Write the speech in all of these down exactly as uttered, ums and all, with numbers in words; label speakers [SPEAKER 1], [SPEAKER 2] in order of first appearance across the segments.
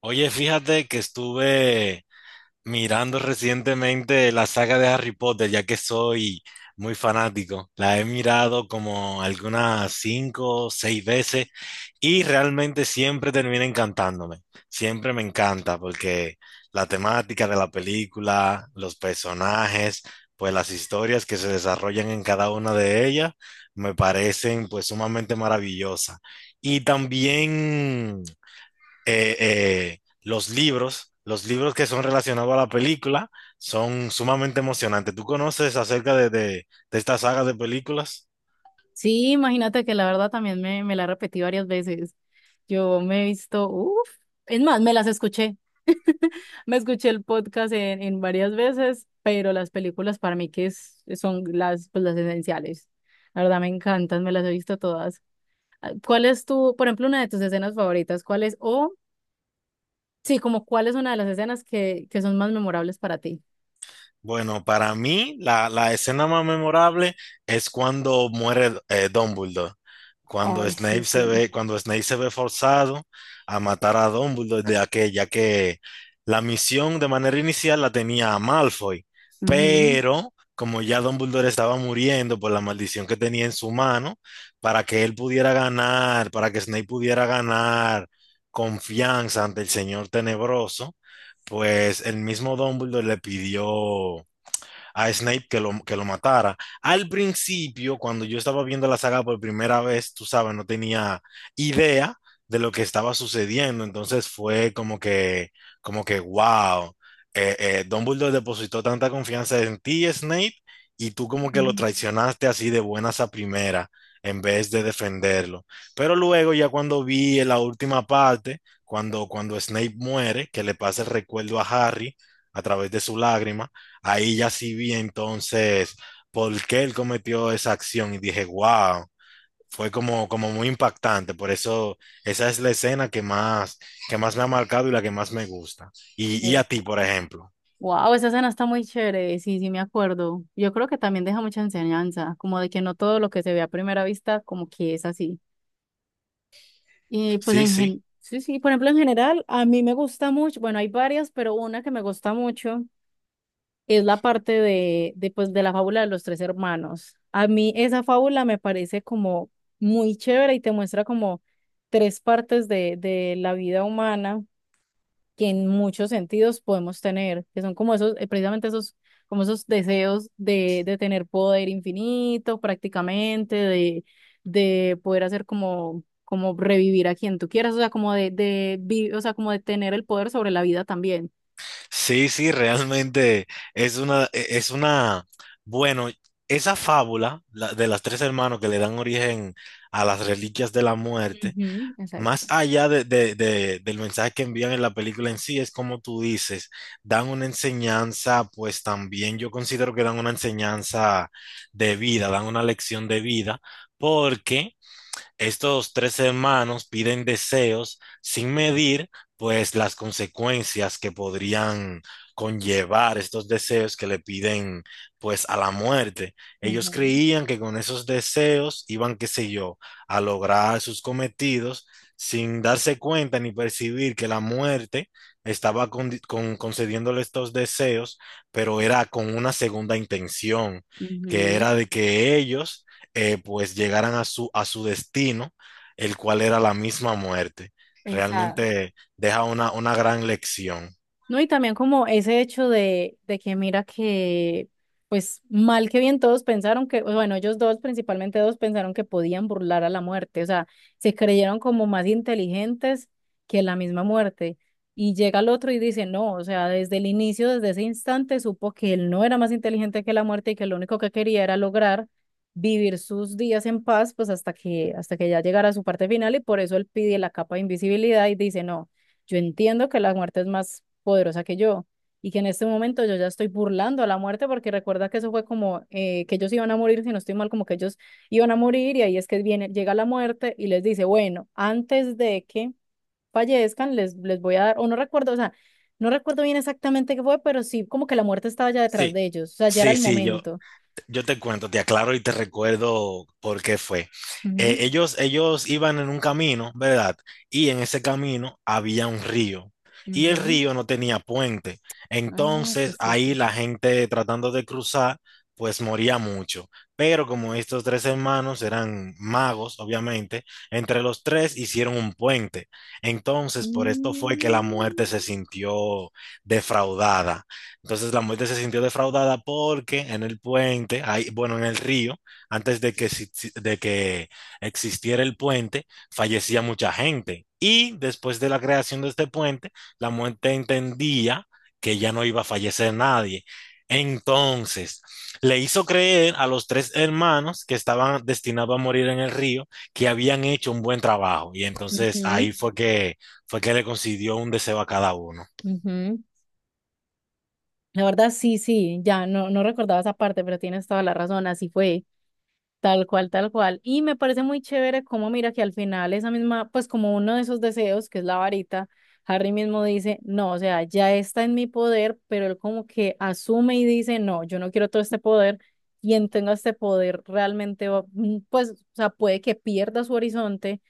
[SPEAKER 1] Oye, fíjate que estuve mirando recientemente la saga de Harry Potter, ya que soy muy fanático. La he mirado como algunas cinco o seis veces y realmente siempre termina encantándome. Siempre me encanta porque la temática de la película, los personajes, pues las historias que se desarrollan en cada una de ellas me parecen pues sumamente maravillosas. Y también eh, eh, los libros, los libros que son relacionados a la película, son sumamente emocionantes. ¿Tú conoces acerca de, de, de esta saga de películas?
[SPEAKER 2] Sí, imagínate que la verdad también me, me la repetí varias veces. Yo me he visto, uff, es más, me las escuché. Me escuché el podcast en, en varias veces, pero las películas para mí que es- son las, pues, las esenciales. La verdad me encantan, me las he visto todas. Ah, ¿cuál es tu, por ejemplo, una de tus escenas favoritas? ¿Cuál es, o sí, como cuál es una de las escenas que, que son más memorables para ti?
[SPEAKER 1] Bueno, para mí la, la escena más memorable es cuando muere eh, Dumbledore. Cuando
[SPEAKER 2] Ay, sí,
[SPEAKER 1] Snape se
[SPEAKER 2] sí.
[SPEAKER 1] ve, cuando Snape se ve forzado a matar a Dumbledore, ya que, ya que la misión de manera inicial la tenía a Malfoy,
[SPEAKER 2] Ujú.
[SPEAKER 1] pero como ya Dumbledore estaba muriendo por la maldición que tenía en su mano, para que él pudiera ganar, para que Snape pudiera ganar confianza ante el Señor Tenebroso, pues el mismo Dumbledore le pidió a Snape que lo, que lo matara. Al principio, cuando yo estaba viendo la saga por primera vez, tú sabes, no tenía idea de lo que estaba sucediendo, entonces fue como que, como que, wow, eh, eh, Dumbledore depositó tanta confianza en ti, Snape, y tú como que lo traicionaste así de buenas a primera en vez de defenderlo. Pero luego ya cuando vi en la última parte, cuando, cuando Snape muere, que le pasa el recuerdo a Harry a través de su lágrima, ahí ya sí vi entonces por qué él cometió esa acción y dije, wow, fue como, como muy impactante. Por eso esa es la escena que más, que más me ha marcado y la que más me gusta. ¿Y, y a
[SPEAKER 2] Ujú.
[SPEAKER 1] ti, por ejemplo?
[SPEAKER 2] Wow, esa escena está muy chévere, sí, sí me acuerdo. Yo creo que también deja mucha enseñanza, como de que no todo lo que se ve a primera vista como que es así. Y pues
[SPEAKER 1] Sí,
[SPEAKER 2] en
[SPEAKER 1] sí,
[SPEAKER 2] gen- sí, sí, por ejemplo, en general a mí me gusta mucho, bueno, hay varias, pero una que me gusta mucho es la parte de, de pues de la fábula de los tres hermanos. A mí esa fábula me parece como muy chévere y te muestra como tres partes de, de la vida humana que en muchos sentidos podemos tener, que son como esos, eh, precisamente esos, como esos deseos de, de tener poder infinito prácticamente, de, de poder hacer como, como revivir a quien tú quieras, o sea, como de, de, vi- o sea, como de tener el poder sobre la vida también.
[SPEAKER 1] sí, sí, realmente es una, e, es una, bueno, esa fábula la- de las tres hermanos que le dan origen a las reliquias de la muerte.
[SPEAKER 2] Ujú,
[SPEAKER 1] Más
[SPEAKER 2] exacto.
[SPEAKER 1] allá de, de- de- del mensaje que envían en la película en sí, es como tú dices, dan una enseñanza, pues también yo considero que dan una enseñanza de vida, dan una lección de vida, porque estos tres hermanos piden deseos sin medir, pues, las consecuencias que podrían conllevar estos deseos que le piden, pues, a la muerte. Ellos
[SPEAKER 2] Ujú.
[SPEAKER 1] creían que con esos deseos iban, qué sé yo, a lograr sus cometidos sin darse cuenta ni percibir que la muerte estaba con- con- concediéndole estos deseos, pero era con una segunda intención, que
[SPEAKER 2] Ujú,
[SPEAKER 1] era de que ellos eh, pues llegaran a su, a su destino, el cual era la misma muerte.
[SPEAKER 2] exacto.
[SPEAKER 1] Realmente deja una, una gran lección.
[SPEAKER 2] No, y también como ese hecho de, de que mira que, pues mal que bien todos pensaron que, bueno, ellos dos, principalmente dos, pensaron que podían burlar a la muerte, o sea, se creyeron como más inteligentes que la misma muerte. Y llega el otro y dice, no, o sea, desde el inicio, desde ese instante, supo que él no era más inteligente que la muerte y que lo único que quería era lograr vivir sus días en paz, pues hasta que, hasta que ya llegara a su parte final y por eso él pide la capa de invisibilidad y dice, no, yo entiendo que la muerte es más poderosa que yo y que en este momento yo ya estoy burlando a la muerte porque recuerda que eso fue como eh, que ellos iban a morir, si no estoy mal, como que ellos iban a morir y ahí es que viene, llega la muerte y les dice, bueno, antes de que fallezcan, les, les voy a dar, o no recuerdo, o sea, no recuerdo bien exactamente qué fue, pero sí, como que la muerte estaba ya detrás
[SPEAKER 1] Sí,
[SPEAKER 2] de ellos, o sea, ya era
[SPEAKER 1] sí,
[SPEAKER 2] el
[SPEAKER 1] sí, yo,
[SPEAKER 2] momento.
[SPEAKER 1] yo te cuento, te aclaro y te recuerdo por qué fue. Eh,
[SPEAKER 2] Ujú,
[SPEAKER 1] ellos, ellos iban en un camino, ¿verdad? Y en ese camino había un río. Y el
[SPEAKER 2] ujú.
[SPEAKER 1] río no tenía puente.
[SPEAKER 2] Ah, sí,
[SPEAKER 1] Entonces
[SPEAKER 2] sí, sí.
[SPEAKER 1] ahí la gente tratando de cruzar, pues moría mucho. Pero como estos tres hermanos eran magos, obviamente, entre los tres hicieron un puente. Entonces por esto fue que la muerte se
[SPEAKER 2] Mm,
[SPEAKER 1] sintió defraudada. Entonces la muerte se sintió defraudada porque en el puente, ahí, bueno, en el río, antes de que, si- si- de que existiera el puente, fallecía mucha gente. Y después de la creación de este puente, la muerte entendía que ya no iba a fallecer nadie. Entonces, le hizo creer a los tres hermanos que estaban destinados a morir en el río, que habían hecho un buen trabajo. Y entonces
[SPEAKER 2] ujú,
[SPEAKER 1] ahí fue que, fue que le concedió un deseo a cada uno.
[SPEAKER 2] ujú. La verdad, sí, sí, ya no, no recordaba esa parte, pero tienes toda la razón, así fue, tal cual, tal cual. Y me parece muy chévere cómo mira que al final esa misma, pues como uno de esos deseos, que es la varita, Harry mismo dice, no, o sea, ya está en mi poder, pero él como que asume y dice, no, yo no quiero todo este poder, quien tenga este poder realmente, va- mm, pues, o sea, puede que pierda su horizonte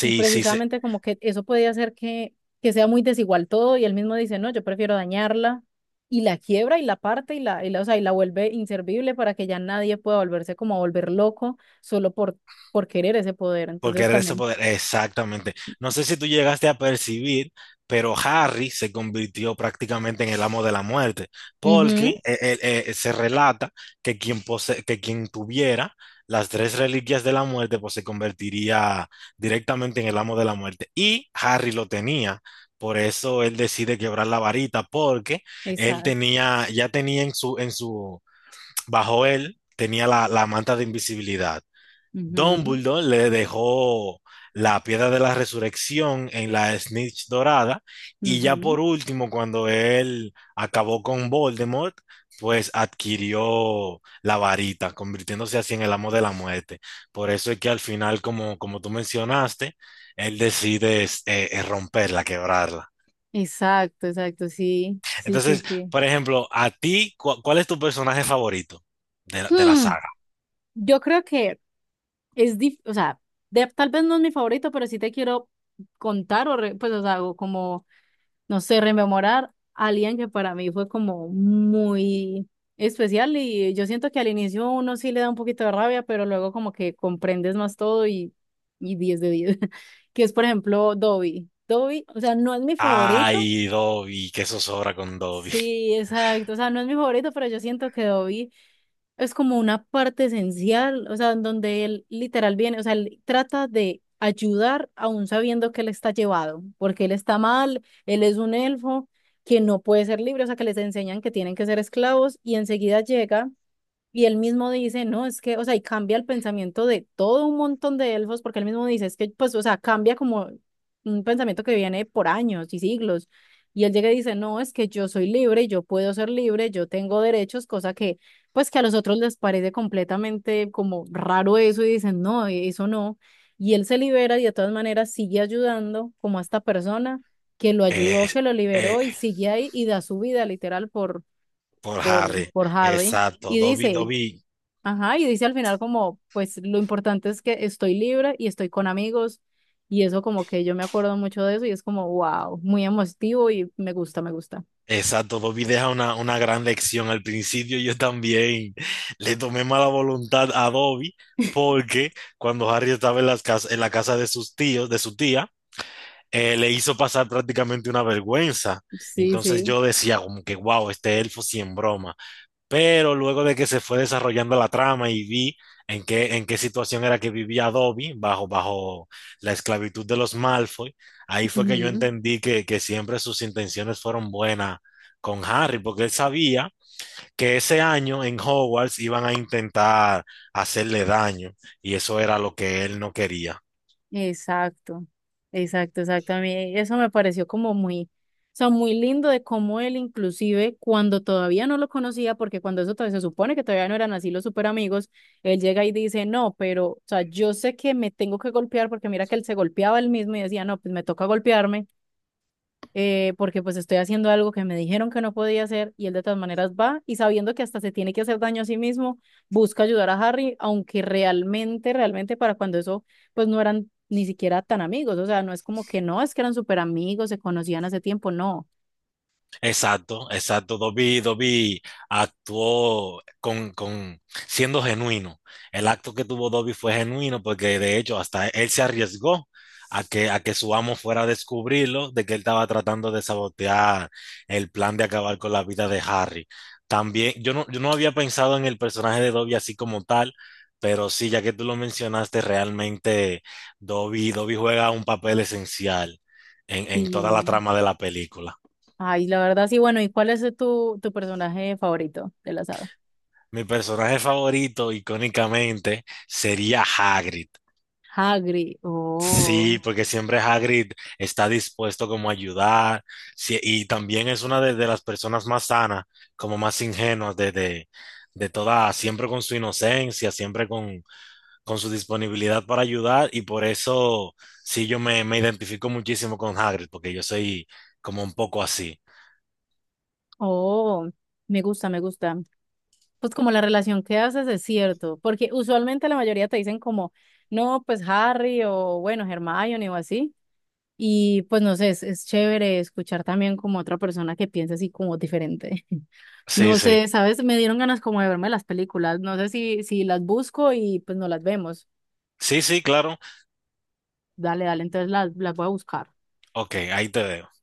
[SPEAKER 2] y
[SPEAKER 1] sí, sí.
[SPEAKER 2] precisamente como que eso puede hacer que, que sea muy desigual todo y él mismo dice, no, yo prefiero dañarla y la quiebra y la parte y la, y la, o sea, y la vuelve inservible para que ya nadie pueda volverse como a volver loco solo por, por querer ese poder.
[SPEAKER 1] Por
[SPEAKER 2] Entonces
[SPEAKER 1] querer ese
[SPEAKER 2] también.
[SPEAKER 1] poder, exactamente. No sé si tú llegaste a percibir, pero Harry se convirtió prácticamente en el amo de la muerte, porque
[SPEAKER 2] Ujú,
[SPEAKER 1] eh, eh, eh, se relata que quien, pose- que quien tuviera las tres reliquias de la muerte, pues se convertiría directamente en el amo de la muerte. Y Harry lo tenía, por eso él decide quebrar la varita, porque él
[SPEAKER 2] exacto.
[SPEAKER 1] tenía, ya tenía en su, en su, bajo él, tenía la la manta de invisibilidad.
[SPEAKER 2] Ujú,
[SPEAKER 1] Dumbledore le dejó la piedra de la resurrección en la Snitch dorada y ya por
[SPEAKER 2] ujú,
[SPEAKER 1] último, cuando él acabó con Voldemort, pues adquirió la varita, convirtiéndose así en el amo de la muerte. Por eso es que al final, como, como tú mencionaste, él decide es, eh, eh, romperla, quebrarla.
[SPEAKER 2] exacto, exacto, sí, sí, sí,
[SPEAKER 1] Entonces,
[SPEAKER 2] sí.
[SPEAKER 1] por ejemplo, a ti, cu- ¿cuál es tu personaje favorito de, la- de la
[SPEAKER 2] Hmm,
[SPEAKER 1] saga?
[SPEAKER 2] yo creo que es, dif- o sea, de- tal vez no es mi favorito, pero sí te quiero contar o, re- pues, o sea, o como no sé, rememorar a alguien que para mí fue como muy especial y yo siento que al inicio uno sí le da un poquito de rabia, pero luego como que comprendes más todo y, y diez de diez que es por ejemplo Dobby. Dobby, o sea, no es mi favorito,
[SPEAKER 1] Ay, Dobby, qué zozobra con Dobby.
[SPEAKER 2] sí, exacto, o sea, no es mi favorito, pero yo siento que Dobby es como una parte esencial, o sea, en donde él literal viene, o sea, él trata de ayudar aún sabiendo que él está llevado, porque él está mal, él es un elfo que no puede ser libre, o sea, que les enseñan que tienen que ser esclavos y enseguida llega. Y él mismo dice, no, es que, o sea, y cambia el pensamiento de todo un montón de elfos, porque él mismo dice, es que, pues, o sea, cambia como un pensamiento que viene por años y siglos. Y él llega y dice, no, es que yo soy libre, yo puedo ser libre, yo tengo derechos, cosa que, pues, que a los otros les parece completamente como raro eso y dicen, no, eso no. Y él se libera y de todas maneras sigue ayudando como a esta persona que lo ayudó,
[SPEAKER 1] Es-
[SPEAKER 2] que lo
[SPEAKER 1] eh,
[SPEAKER 2] liberó y sigue ahí y da su vida literal por,
[SPEAKER 1] por
[SPEAKER 2] por,
[SPEAKER 1] Harry,
[SPEAKER 2] por Harry
[SPEAKER 1] exacto.
[SPEAKER 2] y
[SPEAKER 1] Dobby,
[SPEAKER 2] dice,
[SPEAKER 1] Dobby,
[SPEAKER 2] ajá, y dice al final como, pues lo importante es que estoy libre y estoy con amigos y eso como que yo me acuerdo mucho de eso y es como, wow, muy emotivo y me gusta, me gusta.
[SPEAKER 1] exacto. Dobby deja una, una gran lección. Al principio yo también le tomé mala voluntad a Dobby porque cuando Harry estaba en, las cas- en la casa de sus tíos, de su tía, eh, le hizo pasar prácticamente una vergüenza.
[SPEAKER 2] Sí,
[SPEAKER 1] Entonces
[SPEAKER 2] sí.
[SPEAKER 1] yo decía como que, wow, este elfo sí en broma. Pero luego de que se fue desarrollando la trama y vi en qué, en qué situación era que vivía Dobby bajo, bajo la esclavitud de los Malfoy, ahí fue que yo
[SPEAKER 2] Ujú,
[SPEAKER 1] entendí que, que siempre sus intenciones fueron buenas con Harry, porque él sabía que ese año en Hogwarts iban a intentar hacerle daño y eso era lo que él no quería.
[SPEAKER 2] exacto, exacto, exacto. A mí eso me pareció como muy, o sea, muy lindo de cómo él inclusive cuando todavía no lo conocía, porque cuando eso todavía se supone que todavía no eran así los super amigos, él llega y dice, no, pero, o sea, yo sé que me tengo que golpear porque mira que él se golpeaba él mismo y decía, no, pues me toca golpearme eh, porque pues estoy haciendo algo que me dijeron que no podía hacer y él de todas maneras va y sabiendo que hasta se tiene que hacer daño a sí mismo, busca ayudar a Harry, aunque realmente, realmente para cuando eso, pues no eran ni siquiera tan amigos, o sea, no es como que no, es que eran súper amigos, se conocían hace tiempo, no.
[SPEAKER 1] Exacto, exacto. Dobby, Dobby actuó con, con siendo genuino. El acto que tuvo Dobby fue genuino porque de hecho hasta él se arriesgó a que, a que su amo fuera a descubrirlo de que él estaba tratando de sabotear el plan de acabar con la vida de Harry. También, yo no, yo no había pensado en el personaje de Dobby así como tal, pero sí, ya que tú lo mencionaste, realmente Dobby, Dobby juega un papel esencial en en toda la
[SPEAKER 2] Sí.
[SPEAKER 1] trama de la película.
[SPEAKER 2] Ay, la verdad, sí, bueno, ¿y cuál es tu, tu personaje favorito de la saga?
[SPEAKER 1] Mi personaje favorito, icónicamente, sería Hagrid.
[SPEAKER 2] Hagrid,
[SPEAKER 1] Sí,
[SPEAKER 2] oh,
[SPEAKER 1] porque siempre Hagrid está dispuesto como a ayudar, sí, y también es una de, de las personas más sanas, como más ingenuas de, de, de toda, siempre con su inocencia, siempre con, con su disponibilidad para ayudar y por eso sí yo me, me identifico muchísimo con Hagrid, porque yo soy como un poco así.
[SPEAKER 2] oh, me gusta, me gusta. Pues como la relación que haces es cierto, porque usualmente la mayoría te dicen como, no, pues Harry o bueno, Hermione o así, y pues no sé, es, es chévere escuchar también como otra persona que piensa así como diferente.
[SPEAKER 1] Sí,
[SPEAKER 2] No
[SPEAKER 1] sí.
[SPEAKER 2] sé, ¿sabes? Me dieron ganas como de verme las películas, no sé si, si las busco y pues no las vemos.
[SPEAKER 1] Sí, sí, claro.
[SPEAKER 2] Dale, dale, entonces las, las voy a buscar.
[SPEAKER 1] Ok, ahí te veo.